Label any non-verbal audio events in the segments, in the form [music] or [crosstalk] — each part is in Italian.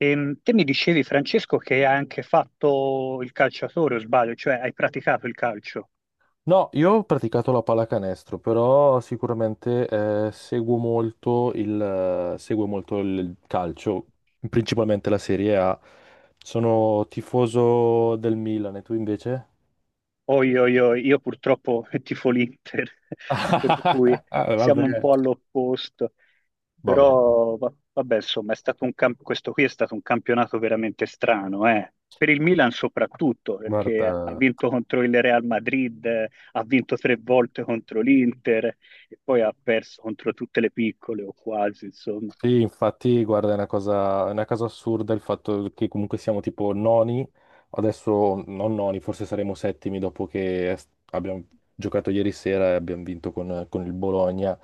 Te mi dicevi, Francesco, che hai anche fatto il calciatore, o sbaglio, cioè hai praticato il calcio. No, io ho praticato la pallacanestro, però sicuramente seguo molto seguo molto il calcio, principalmente la Serie A. Sono tifoso del Milan, e tu invece? Oi, oi, oi, io purtroppo [laughs] tifo l'Inter, [laughs] per cui [laughs] siamo un Vabbè, po' all'opposto. vabbè, Però, vabbè, insomma, è stato un camp- questo qui è stato un campionato veramente strano, eh. Per il Milan soprattutto, perché ha guarda. vinto contro il Real Madrid, ha vinto tre volte contro l'Inter e poi ha perso contro tutte le piccole o quasi, insomma. Sì, infatti, guarda, è una cosa assurda il fatto che comunque siamo tipo noni, adesso non noni, forse saremo settimi dopo che abbiamo giocato ieri sera e abbiamo vinto con il Bologna,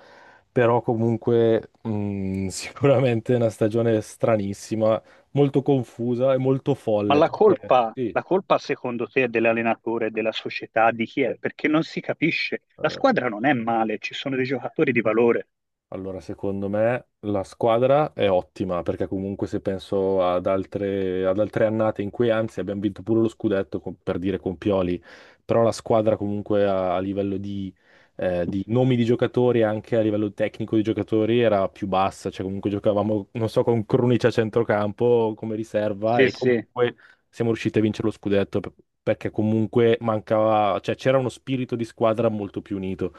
però comunque [laughs] sicuramente è una stagione stranissima, molto confusa e molto Ma folle, la perché colpa, sì. la colpa secondo te è dell'allenatore, della società, di chi è? Perché non si capisce. La eh, squadra non è male, ci sono dei giocatori di valore. Allora, secondo me la squadra è ottima perché comunque se penso ad altre annate in cui anzi abbiamo vinto pure lo scudetto per dire con Pioli, però la squadra comunque a livello di nomi di giocatori e anche a livello tecnico di giocatori era più bassa, cioè comunque giocavamo, non so, con Krunic a centrocampo come riserva Sì, e sì, comunque siamo riusciti a vincere lo scudetto perché comunque mancava, cioè c'era uno spirito di squadra molto più unito.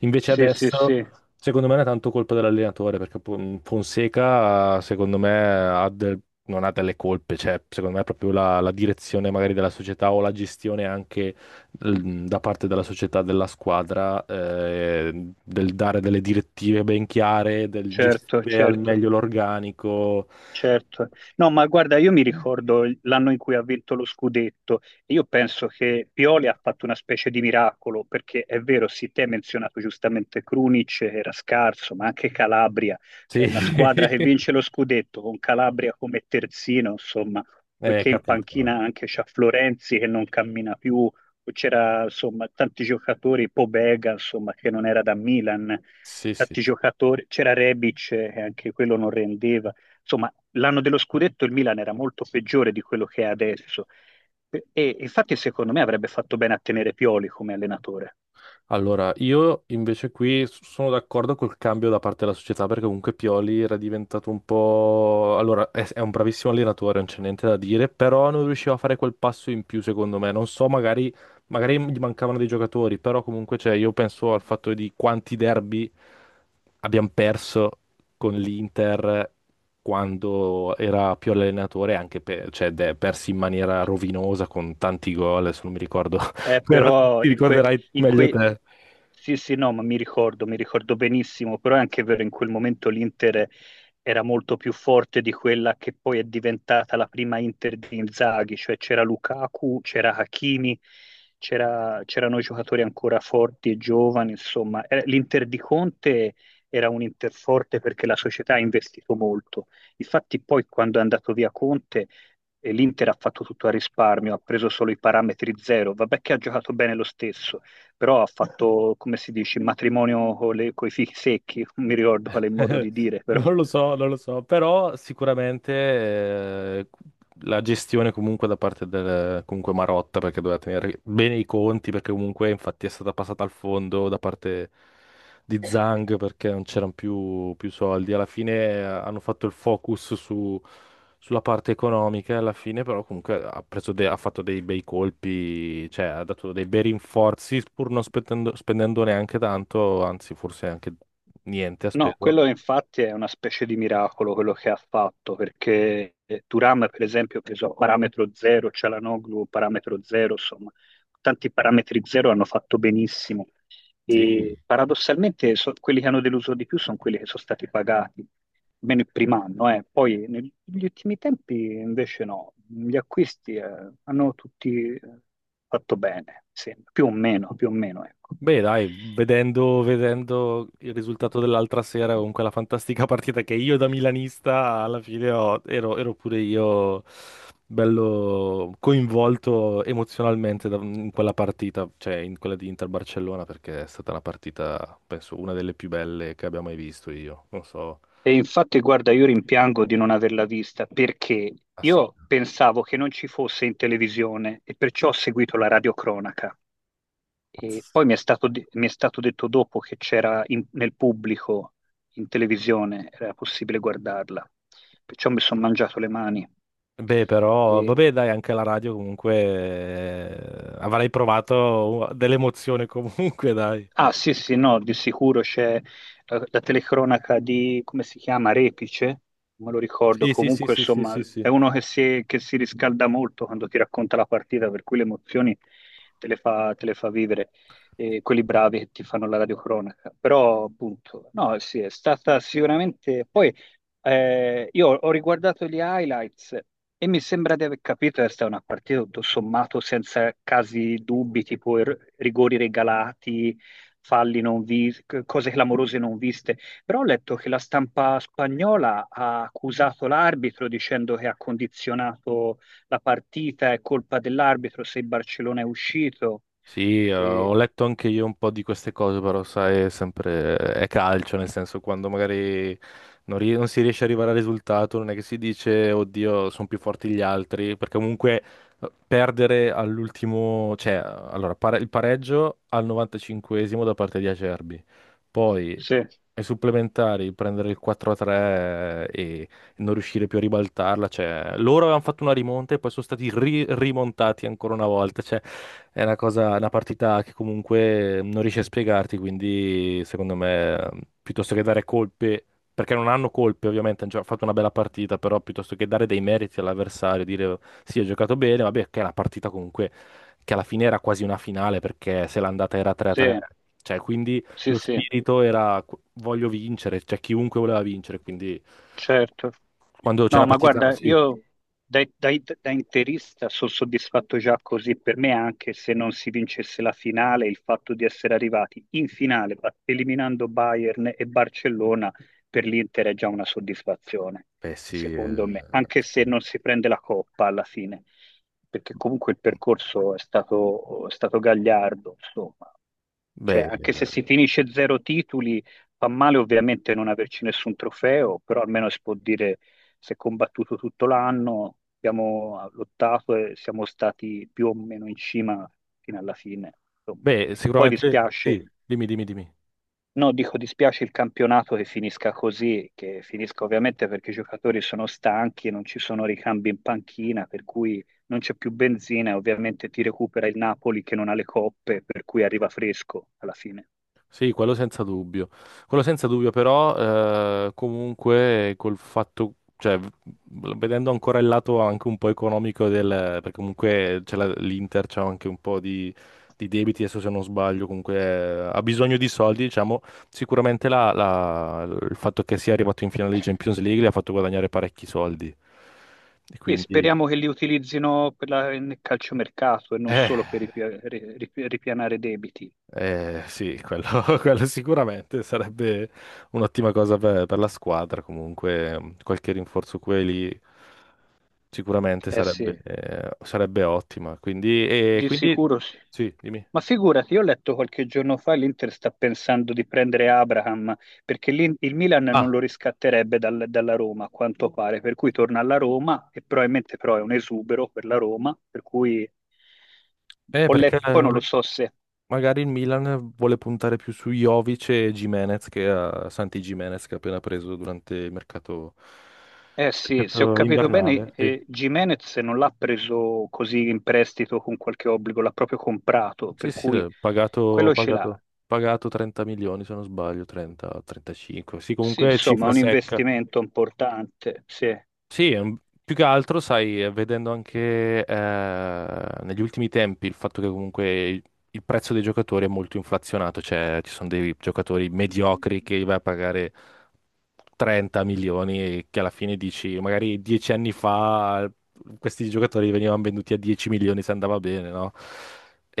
Invece sì, sì, adesso... sì, Secondo me non è tanto colpa dell'allenatore, perché Fonseca, secondo me, ha del- non ha delle colpe, cioè, secondo me è proprio la direzione magari della società o la gestione anche da parte della società, della squadra, del dare delle direttive ben chiare, del certo, gestire al certo. meglio l'organico. Certo, no, ma guarda, io mi ricordo l'anno in cui ha vinto lo scudetto e io penso che Pioli ha fatto una specie di miracolo, perché è vero, sì, te hai menzionato giustamente Krunic, che era scarso, ma anche Calabria, cioè Sì, una squadra che [laughs] vince lo scudetto con Calabria come terzino, insomma, poiché in capito. panchina anche c'ha Florenzi che non cammina più, poi c'era insomma tanti giocatori, Pobega, insomma, che non era da Milan, Sì, sì. tanti giocatori, c'era Rebic che anche quello non rendeva. Insomma, l'anno dello scudetto il Milan era molto peggiore di quello che è adesso. E infatti, secondo me, avrebbe fatto bene a tenere Pioli come allenatore. Allora, io invece qui sono d'accordo col cambio da parte della società perché comunque Pioli era diventato un po'... Allora, è un bravissimo allenatore, non c'è niente da dire, però non riusciva a fare quel passo in più secondo me. Non so, magari, magari gli mancavano dei giocatori, però comunque cioè, io penso al fatto di quanti derby abbiamo perso con l'Inter quando era Pioli allenatore, anche per, cioè, persi in maniera rovinosa con tanti gol, se non mi ricordo [laughs] però Però ti ricorderai in meglio que- te. Sì, sì, no, ma mi ricordo benissimo, però è anche vero, in quel momento l'Inter era molto più forte di quella che poi è diventata la prima Inter di Inzaghi, cioè c'era Lukaku, c'era Hakimi, c'erano giocatori ancora forti e giovani, insomma. L'Inter di Conte era un Inter forte perché la società ha investito molto. Infatti poi quando è andato via Conte. L'Inter ha fatto tutto a risparmio, ha preso solo i parametri zero. Vabbè che ha giocato bene lo stesso, però ha fatto, come si dice, il matrimonio con i fichi secchi, non mi ricordo qual è il modo [laughs] di dire, però Non lo so, non lo so, però sicuramente la gestione comunque da parte del comunque Marotta, perché doveva tenere bene i conti, perché comunque infatti è stata passata al fondo da parte di Zhang perché non c'erano più soldi. Alla fine hanno fatto il focus sulla parte economica, e alla fine però comunque ha fatto dei bei colpi, cioè ha dato dei bei rinforzi pur non spendendo neanche tanto, anzi forse anche niente ha no, speso. quello infatti è una specie di miracolo quello che ha fatto, perché Turam, per esempio, ha preso parametro zero, Cialanoglu parametro zero, insomma, tanti parametri zero hanno fatto benissimo. E Sì, paradossalmente quelli che hanno deluso di più sono quelli che sono stati pagati, almeno il primo anno, eh. Poi negli ultimi tempi invece no, gli acquisti hanno tutti fatto bene, sì, più o meno, ecco. beh, dai, vedendo il risultato dell'altra sera con quella fantastica [laughs] partita che io da milanista alla fine ero pure io bello coinvolto emozionalmente in quella partita, cioè in quella di Inter-Barcellona, perché è stata una partita, penso, una delle più belle che abbia mai visto io. Non so. E infatti, guarda, io rimpiango di non averla vista perché ass- io pensavo che non ci fosse in televisione e perciò ho seguito la radiocronaca. E ass- poi mi è stato, mi è stato detto dopo che c'era nel pubblico in televisione, era possibile guardarla. Perciò mi sono mangiato le mani. Beh, però, vabbè, dai, anche la radio comunque avrei provato dell'emozione [laughs] comunque, dai. Ah, sì, sì, no, di sicuro c'è la telecronaca di, come si chiama, Repice, non me lo ricordo, Sì, sì, sì, comunque sì, sì, insomma sì, sì. è uno che si riscalda molto quando ti racconta la partita, per cui le emozioni te le fa vivere, quelli bravi che ti fanno la radiocronaca, però appunto, no, sì, è stata sicuramente. Poi io ho riguardato gli highlights e mi sembra di aver capito che sta una partita tutto sommato senza casi dubbi, tipo rigori regalati, falli non visti, cose clamorose non viste. Però ho letto che la stampa spagnola ha accusato l'arbitro dicendo che ha condizionato la partita, è colpa dell'arbitro se il Barcellona è uscito. Sì, E- ho letto anche io un po' di queste cose, però sai, è sempre è calcio, nel senso quando magari non si riesce ad arrivare al risultato, non è che si dice, oddio, sono più forti gli altri, perché comunque perdere all'ultimo, cioè, allora, il pareggio al 95esimo da parte di Acerbi, poi Sì, ai supplementari prendere il 4-3 e non riuscire più a ribaltarla, cioè loro avevano fatto una rimonta e poi sono stati rimontati ancora una volta, cioè è una cosa, una partita che comunque non riesci a spiegarti, quindi secondo me piuttosto che dare colpe, perché non hanno colpe ovviamente, hanno già fatto una bella partita, però piuttosto che dare dei meriti all'avversario, dire sì, ha giocato bene, vabbè, che è una partita comunque che alla fine era quasi una finale perché se l'andata era sì, 3-3, cioè quindi sì, lo sì, spirito era voglio vincere, cioè chiunque voleva vincere, quindi certo. quando c'è No, una Ah, ma sì. partita, guarda, sì. io da, da- da interista sono soddisfatto già così. Per me, anche se non si vincesse la finale, il fatto di essere arrivati in finale, eliminando Bayern e Barcellona, per l'Inter è già una soddisfazione, Beh, sì, secondo me, anche se sì. non si prende la coppa alla fine, perché comunque il percorso è stato gagliardo, insomma. Cioè, Beh, anche se si eh, finisce zero titoli, fa male ovviamente non averci nessun trofeo, però almeno si può dire si è combattuto tutto l'anno, abbiamo lottato e siamo stati più o meno in cima fino alla fine. Insomma. beh, Poi sicuramente dispiace, sì, dimmi, dimmi, dimmi. no, dico dispiace il campionato che finisca così, che finisca ovviamente perché i giocatori sono stanchi, non ci sono ricambi in panchina, per cui non c'è più benzina e ovviamente ti recupera il Napoli che non ha le coppe, per cui arriva fresco alla fine. Sì, quello senza dubbio. Quello senza dubbio, però comunque col fatto, cioè, vedendo ancora il lato anche un po' economico perché comunque c'è l'Inter c'ha anche un po' di debiti, adesso se non sbaglio, comunque ha bisogno di soldi, diciamo, sicuramente il fatto che sia arrivato in finale di Champions League gli ha fatto guadagnare parecchi soldi. E Sì, quindi... speriamo che li utilizzino per la, nel calciomercato e non Eh. solo per ripianare debiti. Sì, quello, [laughs] quello sicuramente sarebbe un'ottima cosa per la squadra. Comunque, qualche rinforzo qui e lì sicuramente Eh sì. sarebbe ottima. Quindi, e Di quindi, sicuro sì. sì, dimmi. Ma figurati, io ho letto qualche giorno fa l'Inter sta pensando di prendere Abraham perché il Milan non Ah, lo riscatterebbe dalla Roma, a quanto pare, per cui torna alla Roma e probabilmente però è un esubero per la Roma, per cui ho perché letto, poi non lo so se, magari il Milan vuole puntare più su Jovic e Gimenez che a Santi Gimenez che ha appena preso durante il mercato, eh sì, se ho mercato capito bene, invernale. Sì. Gimenez non l'ha preso così in prestito con qualche obbligo, l'ha proprio comprato, Sì, per sì, cui l'ho pagato, quello ce l'ha. pagato, pagato 30 milioni se non sbaglio, 30, 35. Sì, Sì, comunque insomma, è cifra un secca. investimento importante, sì. Sì, più che altro, sai, vedendo anche negli ultimi tempi il fatto che comunque il prezzo dei giocatori è molto inflazionato, cioè ci sono dei giocatori mediocri che vai a pagare 30 milioni e che alla fine dici, magari 10 anni fa questi giocatori venivano venduti a 10 milioni se andava bene, no?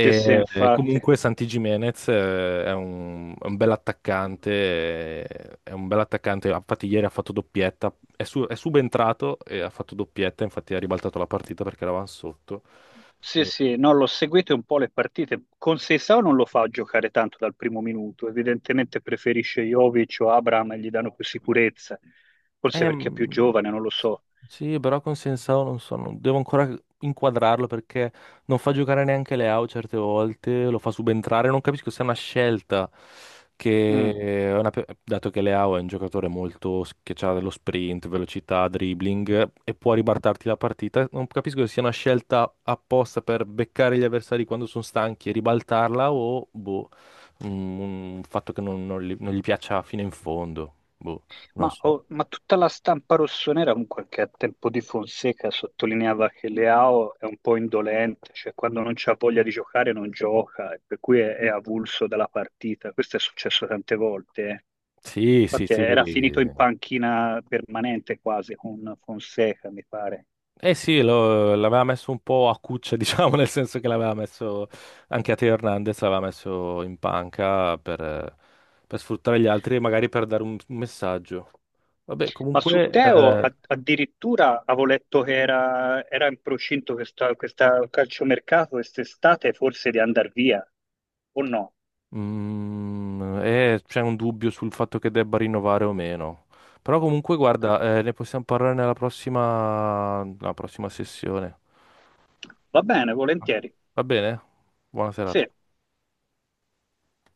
Sì, sì, e infatti. comunque Santi Jimenez è un bel attaccante, è un bel attaccante, infatti ieri ha fatto doppietta, è subentrato e ha fatto doppietta, infatti ha ribaltato la partita perché eravamo sotto. Sì, Sì. sì, no, l'ho seguito un po' le partite. Con Seisao non lo fa giocare tanto dal primo minuto, evidentemente preferisce Jovic o Abraham e gli danno più sicurezza, forse Eh, perché è più mm, giovane, non lo so. sì, però con Sensao non so, devo ancora inquadrarlo perché non fa giocare neanche Leao certe volte, lo fa subentrare, non capisco se è una scelta Mm. che, è una pe- dato che Leao è un giocatore molto che ha dello sprint, velocità, dribbling e può ribaltarti la partita, non capisco se sia una scelta apposta per beccare gli avversari quando sono stanchi e ribaltarla o boh, un, un fatto che non gli piaccia fino in fondo, boh, non Ma, so. oh, ma tutta la stampa rossonera, comunque, anche a tempo di Fonseca, sottolineava che Leao è un po' indolente, cioè quando non c'ha voglia di giocare non gioca, e per cui è avulso dalla partita. Questo è successo tante volte, eh. Sì, sì, Infatti sì. era finito in panchina permanente quasi con Fonseca, mi pare. Eh sì, l'aveva messo un po' a cuccia, [laughs] diciamo, nel senso che l'aveva messo anche a Teo Hernandez, l'aveva messo in panca per sfruttare gli altri e magari per dare un messaggio. Vabbè, Ma su comunque Teo addirittura avevo letto che era, era in procinto questa calciomercato quest'estate forse di andare via, o no? C'è un dubbio sul fatto che debba rinnovare o meno. Però comunque, Ho cap- guarda, ne possiamo parlare nella prossima sessione. Va bene, volentieri. Va bene? Buona serata. Sì.